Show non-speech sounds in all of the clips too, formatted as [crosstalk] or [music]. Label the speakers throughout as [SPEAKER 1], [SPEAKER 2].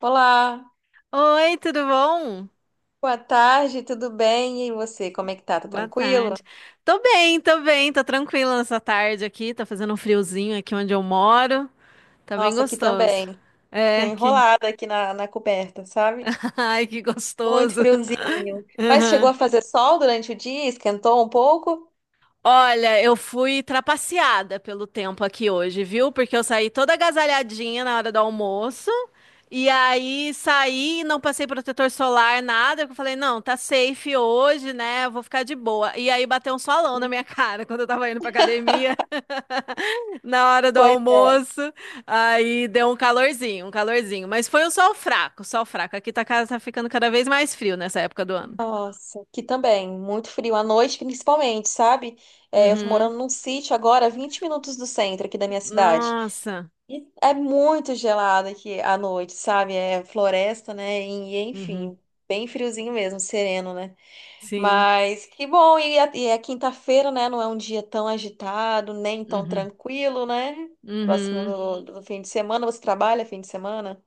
[SPEAKER 1] Olá,
[SPEAKER 2] Oi, tudo bom?
[SPEAKER 1] boa tarde, tudo bem? E você, como é que tá? Tá
[SPEAKER 2] Boa
[SPEAKER 1] tranquilo?
[SPEAKER 2] tarde. Tô bem, tô bem, tô tranquila nessa tarde aqui. Tá fazendo um friozinho aqui onde eu moro. Tá bem
[SPEAKER 1] Nossa, aqui
[SPEAKER 2] gostoso.
[SPEAKER 1] também. Tô
[SPEAKER 2] É, que.
[SPEAKER 1] enrolada aqui na coberta, sabe?
[SPEAKER 2] [laughs] Ai, que
[SPEAKER 1] Muito
[SPEAKER 2] gostoso.
[SPEAKER 1] friozinho.
[SPEAKER 2] [laughs]
[SPEAKER 1] Mas chegou
[SPEAKER 2] Aham.
[SPEAKER 1] a fazer sol durante o dia? Esquentou um pouco?
[SPEAKER 2] Olha, eu fui trapaceada pelo tempo aqui hoje, viu? Porque eu saí toda agasalhadinha na hora do almoço. E aí saí, não passei protetor solar, nada. Eu falei, não, tá safe hoje, né? Eu vou ficar de boa. E aí bateu um solão na minha [laughs] cara quando eu tava indo pra academia [laughs] na hora do
[SPEAKER 1] Pois é.
[SPEAKER 2] almoço. Aí deu um calorzinho, um calorzinho. Mas foi um sol fraco, sol fraco. Aqui tá, tá ficando cada vez mais frio nessa época do ano.
[SPEAKER 1] Nossa, aqui também. Muito frio à noite, principalmente, sabe? É, eu tô
[SPEAKER 2] Uhum.
[SPEAKER 1] morando num sítio agora, 20 minutos do centro aqui da minha cidade.
[SPEAKER 2] Nossa.
[SPEAKER 1] E é muito gelado aqui à noite, sabe? É floresta, né? E,
[SPEAKER 2] Uhum.
[SPEAKER 1] enfim, bem friozinho mesmo, sereno, né?
[SPEAKER 2] Sim.
[SPEAKER 1] Mas que bom, e é quinta-feira, né? Não é um dia tão agitado, nem tão
[SPEAKER 2] Uhum.
[SPEAKER 1] tranquilo, né? Próximo
[SPEAKER 2] Uhum.
[SPEAKER 1] do fim de semana, você trabalha fim de semana?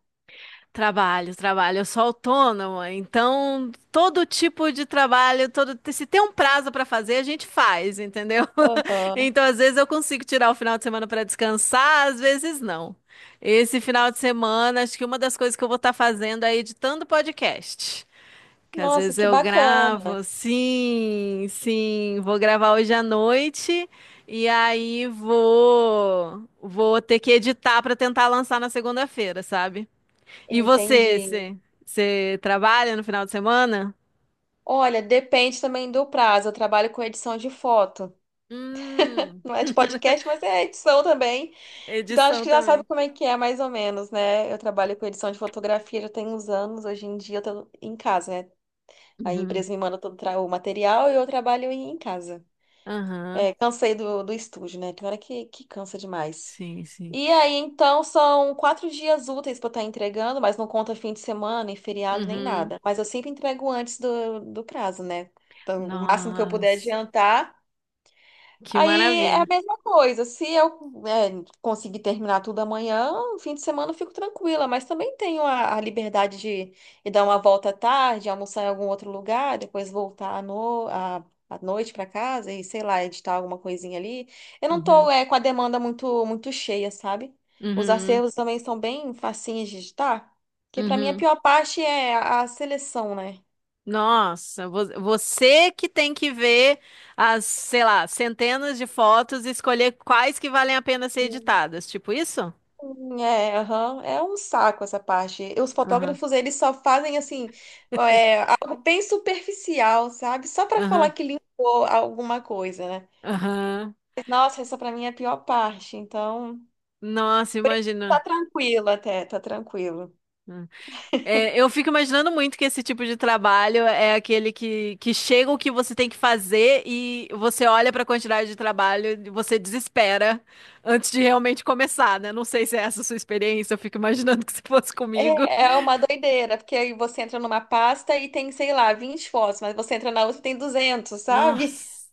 [SPEAKER 2] Trabalho, trabalho. Eu sou autônoma, então todo tipo de trabalho, todo se tem um prazo para fazer, a gente faz, entendeu? [laughs]
[SPEAKER 1] Aham.
[SPEAKER 2] Então às vezes eu consigo tirar o final de semana para descansar, às vezes não. Esse final de semana, acho que uma das coisas que eu vou estar fazendo é editando podcast. Que às
[SPEAKER 1] Nossa,
[SPEAKER 2] vezes
[SPEAKER 1] que
[SPEAKER 2] eu
[SPEAKER 1] bacana.
[SPEAKER 2] gravo, sim, sim, vou gravar hoje à noite. E aí vou ter que editar para tentar lançar na segunda-feira, sabe? E você,
[SPEAKER 1] Entendi.
[SPEAKER 2] você trabalha no final de semana?
[SPEAKER 1] Olha, depende também do prazo. Eu trabalho com edição de foto.
[SPEAKER 2] Hum.
[SPEAKER 1] Não é de
[SPEAKER 2] [laughs]
[SPEAKER 1] podcast, mas é edição também. Então acho
[SPEAKER 2] Edição
[SPEAKER 1] que já sabe
[SPEAKER 2] também.
[SPEAKER 1] como é que é, mais ou menos, né? Eu trabalho com edição de fotografia já tem uns anos. Hoje em dia eu tô em casa, né? A
[SPEAKER 2] Uhum.
[SPEAKER 1] empresa me manda o material e eu trabalho em casa.
[SPEAKER 2] Aham.
[SPEAKER 1] É, cansei do estúdio, né? Tem hora que cansa demais.
[SPEAKER 2] Sim, sim.
[SPEAKER 1] E aí, então, são 4 dias úteis para estar entregando, mas não conta fim de semana, nem feriado, nem
[SPEAKER 2] Uhum.
[SPEAKER 1] nada. Mas eu sempre entrego antes do prazo, né? Então, o máximo que eu puder
[SPEAKER 2] Nossa,
[SPEAKER 1] adiantar.
[SPEAKER 2] que
[SPEAKER 1] Aí é a
[SPEAKER 2] maravilha.
[SPEAKER 1] mesma coisa. Se eu, é, conseguir terminar tudo amanhã, no fim de semana eu fico tranquila, mas também tenho a liberdade de ir dar uma volta à tarde, almoçar em algum outro lugar, depois voltar à, no, à, à noite para casa e, sei lá, editar alguma coisinha ali. Eu não
[SPEAKER 2] Uhum.
[SPEAKER 1] tô, é, com a demanda muito cheia, sabe? Os
[SPEAKER 2] Uhum.
[SPEAKER 1] acervos também são bem facinhos de editar, porque para mim a
[SPEAKER 2] Uhum.
[SPEAKER 1] pior parte é a seleção, né?
[SPEAKER 2] Nossa, você que tem que ver as, sei lá, centenas de fotos e escolher quais que valem a pena ser editadas, tipo isso?
[SPEAKER 1] É, aham. É um saco essa parte. Os
[SPEAKER 2] Aham,
[SPEAKER 1] fotógrafos, eles só fazem assim, é, algo bem superficial, sabe? Só pra falar
[SPEAKER 2] aham,
[SPEAKER 1] que limpou alguma coisa, né?
[SPEAKER 2] aham.
[SPEAKER 1] Nossa, essa pra mim é a pior parte. Então,
[SPEAKER 2] Nossa,
[SPEAKER 1] por enquanto
[SPEAKER 2] imagina.
[SPEAKER 1] tá tranquilo até, tá tranquilo.
[SPEAKER 2] É, eu fico imaginando muito que esse tipo de trabalho é aquele que chega o que você tem que fazer e você olha para a quantidade de trabalho e você desespera antes de realmente começar, né? Não sei se é essa a sua experiência, eu fico imaginando que se fosse comigo.
[SPEAKER 1] É, é uma doideira, porque aí você entra numa pasta e tem, sei lá, 20 fotos, mas você entra na outra e tem 200, sabe?
[SPEAKER 2] Nossa.
[SPEAKER 1] [laughs]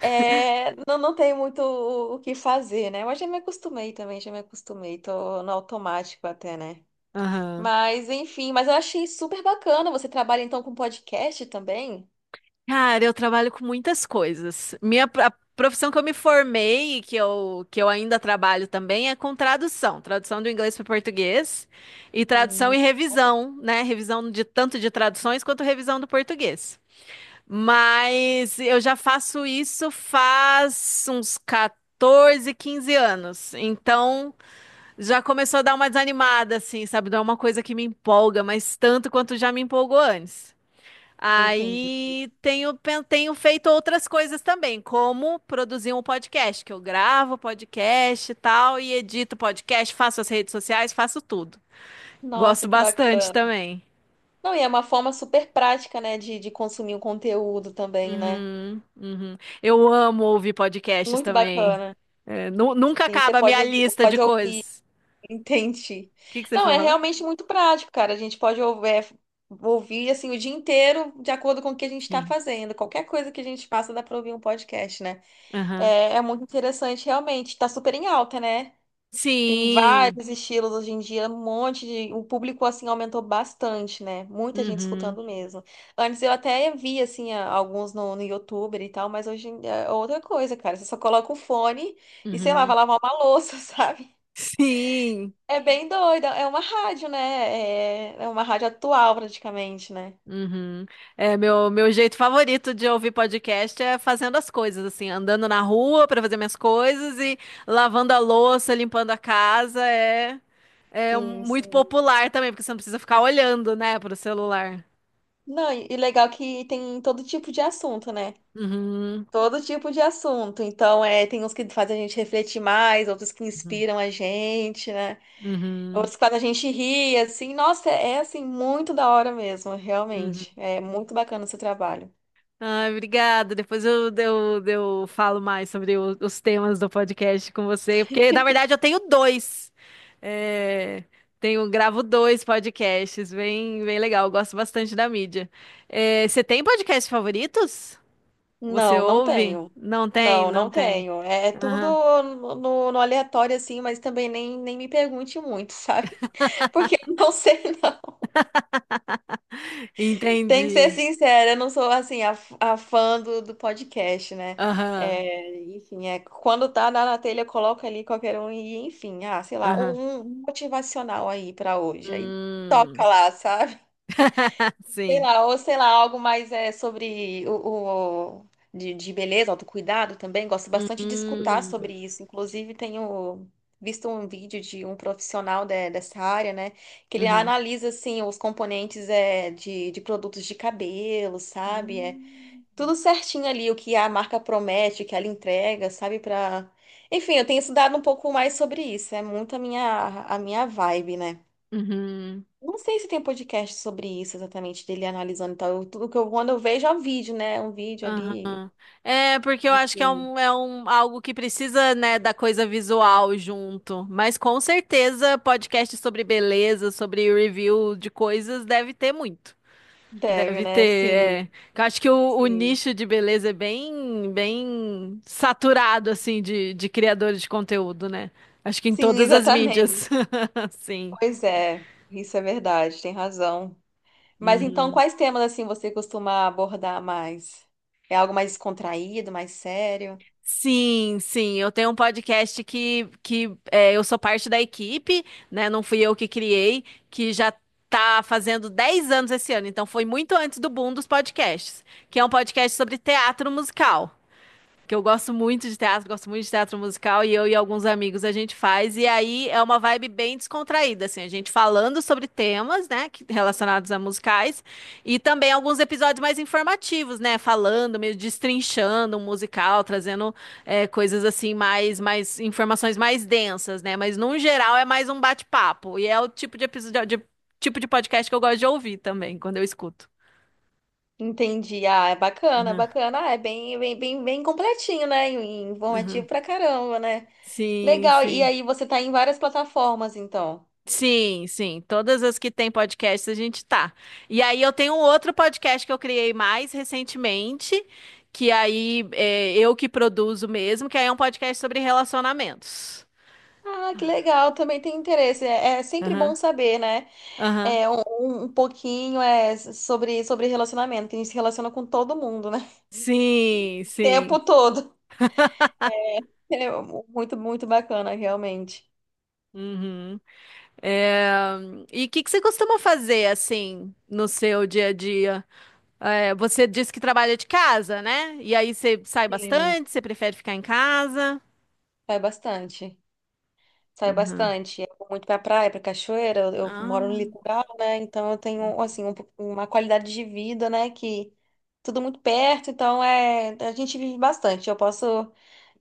[SPEAKER 1] É, não, não tem muito o que fazer, né? Mas já me acostumei também, já me acostumei. Tô no automático até, né?
[SPEAKER 2] Aham.
[SPEAKER 1] Mas, enfim, mas eu achei super bacana. Você trabalha então com podcast também?
[SPEAKER 2] Cara, eu trabalho com muitas coisas. Minha a profissão que eu me formei e que eu ainda trabalho também é com tradução, tradução do inglês para o português e tradução
[SPEAKER 1] Hum,
[SPEAKER 2] e revisão, né? Revisão de tanto de traduções quanto revisão do português. Mas eu já faço isso faz uns 14, 15 anos. Então já começou a dar uma desanimada, assim, sabe? Não é uma coisa que me empolga, mas tanto quanto já me empolgou antes.
[SPEAKER 1] Entendi.
[SPEAKER 2] Aí tenho, tenho feito outras coisas também, como produzir um podcast, que eu gravo podcast e tal, e edito podcast, faço as redes sociais, faço tudo.
[SPEAKER 1] Nossa,
[SPEAKER 2] Gosto
[SPEAKER 1] que
[SPEAKER 2] bastante
[SPEAKER 1] bacana.
[SPEAKER 2] também.
[SPEAKER 1] Não, e é uma forma super prática, né, de consumir o conteúdo também, né?
[SPEAKER 2] Uhum, uhum. Eu amo ouvir podcasts
[SPEAKER 1] Muito
[SPEAKER 2] também.
[SPEAKER 1] bacana.
[SPEAKER 2] É, nunca
[SPEAKER 1] Sim, você
[SPEAKER 2] acaba a
[SPEAKER 1] pode,
[SPEAKER 2] minha lista de
[SPEAKER 1] pode ouvir,
[SPEAKER 2] coisas.
[SPEAKER 1] [laughs] entendi.
[SPEAKER 2] O que que você
[SPEAKER 1] Não,
[SPEAKER 2] foi
[SPEAKER 1] é
[SPEAKER 2] falar?
[SPEAKER 1] realmente muito prático, cara. A gente pode ouvir, ouvir assim o dia inteiro de acordo com o que a gente está
[SPEAKER 2] Sim.
[SPEAKER 1] fazendo. Qualquer coisa que a gente passa dá para ouvir um podcast, né?
[SPEAKER 2] Aham.
[SPEAKER 1] É, é muito interessante, realmente. Tá super em alta, né? Tem
[SPEAKER 2] Sim.
[SPEAKER 1] vários estilos hoje em dia, um monte de. O público, assim, aumentou bastante, né? Muita gente
[SPEAKER 2] Uhum,
[SPEAKER 1] escutando mesmo. Antes eu até vi, assim, alguns no YouTube e tal, mas hoje em dia é outra coisa, cara. Você só coloca o fone e, sei lá,
[SPEAKER 2] uhum.
[SPEAKER 1] vai lavar uma louça, [laughs] sabe?
[SPEAKER 2] Sim.
[SPEAKER 1] É bem doida. É uma rádio, né? É, é uma rádio atual, praticamente, né?
[SPEAKER 2] Uhum. É, meu jeito favorito de ouvir podcast é fazendo as coisas, assim, andando na rua para fazer minhas coisas e lavando a louça, limpando a casa. É, é
[SPEAKER 1] Sim,
[SPEAKER 2] muito
[SPEAKER 1] sim.
[SPEAKER 2] popular também, porque você não precisa ficar olhando, né, pro celular.
[SPEAKER 1] Não, e legal que tem todo tipo de assunto, né?
[SPEAKER 2] Uhum.
[SPEAKER 1] Todo tipo de assunto. Então, é, tem uns que fazem a gente refletir mais, outros que
[SPEAKER 2] Uhum.
[SPEAKER 1] inspiram a gente, né?
[SPEAKER 2] Uhum.
[SPEAKER 1] Outros quando a gente ri, assim, nossa, é, é, assim, muito da hora mesmo,
[SPEAKER 2] Uhum.
[SPEAKER 1] realmente. É muito bacana o seu trabalho.
[SPEAKER 2] Ai, obrigada. Depois eu falo mais sobre os temas do podcast com você, porque na verdade eu tenho dois. É, tenho, gravo dois podcasts, bem, bem legal. Eu gosto bastante da mídia. É, você tem podcasts favoritos? Você
[SPEAKER 1] Não, não
[SPEAKER 2] ouve?
[SPEAKER 1] tenho.
[SPEAKER 2] Não tem,
[SPEAKER 1] Não,
[SPEAKER 2] não
[SPEAKER 1] não
[SPEAKER 2] tem.
[SPEAKER 1] tenho. É, é tudo
[SPEAKER 2] Aham.
[SPEAKER 1] no aleatório, assim, mas também nem, nem me pergunte muito, sabe? [laughs] Porque eu não sei, [laughs] não. Tem que ser
[SPEAKER 2] Entendi.
[SPEAKER 1] sincera, eu não sou, assim, a, a fã do podcast, né?
[SPEAKER 2] Aham,
[SPEAKER 1] É, enfim, é, quando tá na telha, eu coloco ali qualquer um e, enfim, ah, sei lá,
[SPEAKER 2] aham.
[SPEAKER 1] um motivacional aí pra hoje. Aí toca
[SPEAKER 2] Hum.
[SPEAKER 1] lá, sabe?
[SPEAKER 2] [laughs]
[SPEAKER 1] Sei
[SPEAKER 2] Sim.
[SPEAKER 1] lá, ou sei lá, algo mais é, sobre de beleza, autocuidado também. Gosto bastante de escutar
[SPEAKER 2] Hum.
[SPEAKER 1] sobre isso. Inclusive, tenho visto um vídeo de um profissional dessa área, né? Que ele
[SPEAKER 2] Uhum.
[SPEAKER 1] analisa, assim, os componentes é, de produtos de cabelo, sabe? É
[SPEAKER 2] Hum.
[SPEAKER 1] tudo certinho ali, o que a marca promete, o que ela entrega, sabe? Pra... Enfim, eu tenho estudado um pouco mais sobre isso. É muito a minha vibe, né?
[SPEAKER 2] Uhum.
[SPEAKER 1] Não sei se tem podcast sobre isso exatamente, dele analisando e tal. Tudo que eu, quando eu vejo é um vídeo, né? Um vídeo ali.
[SPEAKER 2] Aham. É, porque eu acho que é
[SPEAKER 1] Enfim.
[SPEAKER 2] um, é um algo que precisa, né, da coisa visual junto. Mas com certeza, podcast sobre beleza, sobre review de coisas, deve ter muito.
[SPEAKER 1] Deve,
[SPEAKER 2] Deve ter,
[SPEAKER 1] né? Sim,
[SPEAKER 2] é. Eu acho que o
[SPEAKER 1] sim.
[SPEAKER 2] nicho de beleza é bem, bem saturado, assim, de criadores de conteúdo, né? Acho que em
[SPEAKER 1] Sim,
[SPEAKER 2] todas as mídias.
[SPEAKER 1] exatamente.
[SPEAKER 2] [laughs] Sim.
[SPEAKER 1] Pois é, isso é verdade, tem razão. Mas então,
[SPEAKER 2] Uhum.
[SPEAKER 1] quais temas assim você costuma abordar mais? É algo mais descontraído, mais sério?
[SPEAKER 2] Sim, sim, eu tenho um podcast que é, eu sou parte da equipe, né? Não fui eu que criei, que já tá fazendo 10 anos esse ano, então foi muito antes do boom dos podcasts, que é um podcast sobre teatro musical que eu gosto muito de teatro, gosto muito de teatro musical e eu e alguns amigos a gente faz e aí é uma vibe bem descontraída assim, a gente falando sobre temas, né, que- relacionados a musicais e também alguns episódios mais informativos, né, falando, meio destrinchando um musical, trazendo é, coisas assim mais informações mais densas, né, mas num geral é mais um bate-papo e é o tipo de tipo de podcast que eu gosto de ouvir também quando eu escuto.
[SPEAKER 1] Entendi. Ah, é bacana,
[SPEAKER 2] Uhum,
[SPEAKER 1] bacana. Ah, é bem, bem, bem, bem completinho, né? E informativo
[SPEAKER 2] uhum.
[SPEAKER 1] pra caramba, né?
[SPEAKER 2] Sim,
[SPEAKER 1] Legal. E
[SPEAKER 2] sim.
[SPEAKER 1] aí você tá em várias plataformas, então.
[SPEAKER 2] Sim, sim. Todas as que tem podcast a gente tá. E aí eu tenho um outro podcast que eu criei mais recentemente, que aí é eu que produzo mesmo, que aí é um podcast sobre relacionamentos.
[SPEAKER 1] Ah, que legal, também tem interesse. É, é sempre bom
[SPEAKER 2] Aham,
[SPEAKER 1] saber, né?
[SPEAKER 2] aham.
[SPEAKER 1] É, um, um pouquinho é sobre, sobre relacionamento, que a gente se relaciona com todo mundo, né? [laughs]
[SPEAKER 2] Sim,
[SPEAKER 1] O tempo
[SPEAKER 2] sim.
[SPEAKER 1] todo. É muito, muito bacana, realmente.
[SPEAKER 2] Uhum. É, E o que que você costuma fazer assim no seu dia a dia? É, você, disse que trabalha de casa, né? E aí você sai
[SPEAKER 1] Sim,
[SPEAKER 2] bastante, você prefere ficar em casa?
[SPEAKER 1] é bastante. Saio
[SPEAKER 2] Uhum.
[SPEAKER 1] bastante. Eu vou muito pra praia, pra cachoeira. Eu moro no
[SPEAKER 2] Ah.
[SPEAKER 1] litoral, né? Então eu tenho, assim, uma qualidade de vida, né? Que tudo muito perto. Então é, a gente vive bastante. Eu posso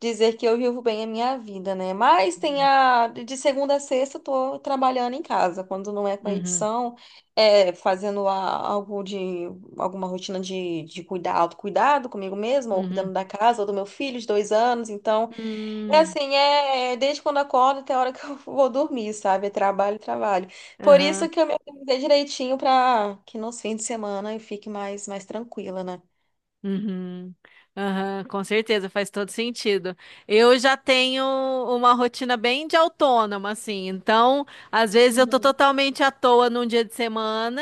[SPEAKER 1] dizer que eu vivo bem a minha vida, né? Mas tem
[SPEAKER 2] Uhum.
[SPEAKER 1] a, de segunda a sexta eu tô trabalhando em casa. Quando não é com a
[SPEAKER 2] Uhum.
[SPEAKER 1] edição, é algo de, alguma rotina de cuidar, autocuidado comigo mesma, ou
[SPEAKER 2] Uhum.
[SPEAKER 1] cuidando da casa, ou do meu filho de 2 anos. Então. É
[SPEAKER 2] Hum,
[SPEAKER 1] assim, é é, desde quando acordo até a hora que eu [laughs] vou dormir, sabe? É trabalho, trabalho. Por
[SPEAKER 2] aham.
[SPEAKER 1] isso que eu me organizei direitinho para que nos fins de semana eu fique mais, mais tranquila, né?
[SPEAKER 2] Uhum. Aham, com certeza, faz todo sentido. Eu já tenho uma rotina bem de autônoma, assim, então às vezes eu tô
[SPEAKER 1] Uhum,
[SPEAKER 2] totalmente à toa num dia de semana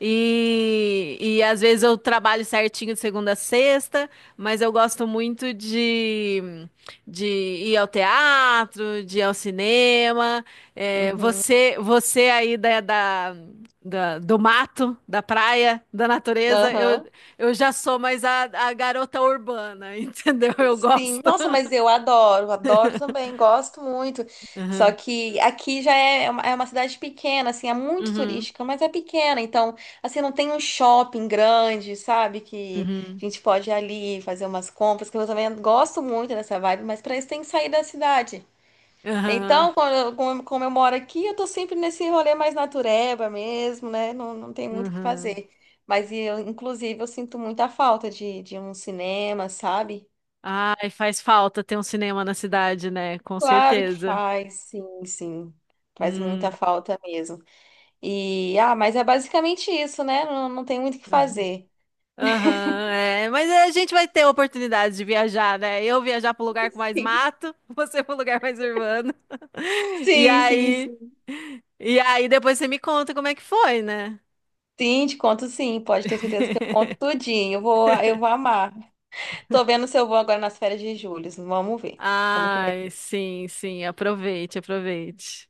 [SPEAKER 2] e às vezes eu trabalho certinho de segunda a sexta, mas eu gosto muito de ir ao teatro, de ir ao cinema. É,
[SPEAKER 1] uhum.
[SPEAKER 2] você aí do mato, da praia, da natureza.
[SPEAKER 1] Aham.
[SPEAKER 2] Eu já sou mais a garota urbana, [laughs] entendeu? Eu
[SPEAKER 1] Sim,
[SPEAKER 2] gosto.
[SPEAKER 1] nossa, mas eu adoro, adoro também, gosto muito. Só
[SPEAKER 2] Uhum,
[SPEAKER 1] que aqui já é uma cidade pequena, assim, é muito
[SPEAKER 2] uhum,
[SPEAKER 1] turística, mas é pequena, então, assim, não tem um shopping grande, sabe? Que
[SPEAKER 2] uhum,
[SPEAKER 1] a gente pode ir ali fazer umas compras, que eu também gosto muito dessa vibe, mas para isso tem que sair da cidade.
[SPEAKER 2] uhum,
[SPEAKER 1] Então, como, como eu moro aqui, eu tô sempre nesse rolê mais natureba mesmo, né? Não, não tem muito o que
[SPEAKER 2] uhum.
[SPEAKER 1] fazer. Mas eu, inclusive, eu sinto muita falta de um cinema, sabe?
[SPEAKER 2] Ai, faz falta ter um cinema na cidade, né? Com
[SPEAKER 1] Claro que
[SPEAKER 2] certeza.
[SPEAKER 1] faz, sim, sim. Faz muita
[SPEAKER 2] Uhum,
[SPEAKER 1] falta mesmo. E, ah, mas é basicamente isso, né? Não, não tem muito o que
[SPEAKER 2] uhum.
[SPEAKER 1] fazer.
[SPEAKER 2] Aham, é, mas a gente vai ter oportunidade de viajar, né? Eu viajar para um lugar com mais
[SPEAKER 1] Sim,
[SPEAKER 2] mato, [laughs] você para um lugar mais urbano. [laughs] E
[SPEAKER 1] sim, sim.
[SPEAKER 2] aí,
[SPEAKER 1] Sim,
[SPEAKER 2] e aí, depois você me conta como é que foi, né?
[SPEAKER 1] sim, te conto sim. Pode ter certeza que eu conto
[SPEAKER 2] [laughs]
[SPEAKER 1] tudinho. Eu vou amar. Tô vendo se eu vou agora nas férias de julho. Vamos ver como que vai.
[SPEAKER 2] Ai, sim, sim, aproveite, aproveite.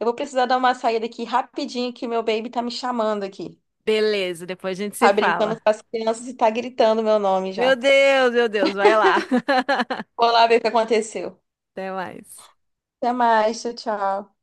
[SPEAKER 1] Eu vou precisar dar uma saída aqui rapidinho, que meu baby tá me chamando aqui.
[SPEAKER 2] Beleza, depois a gente se
[SPEAKER 1] Tá brincando
[SPEAKER 2] fala.
[SPEAKER 1] com as crianças e tá gritando meu nome já.
[SPEAKER 2] Meu Deus, vai lá. [laughs]
[SPEAKER 1] Vou lá ver o que aconteceu.
[SPEAKER 2] Até mais.
[SPEAKER 1] Até mais, tchau, tchau.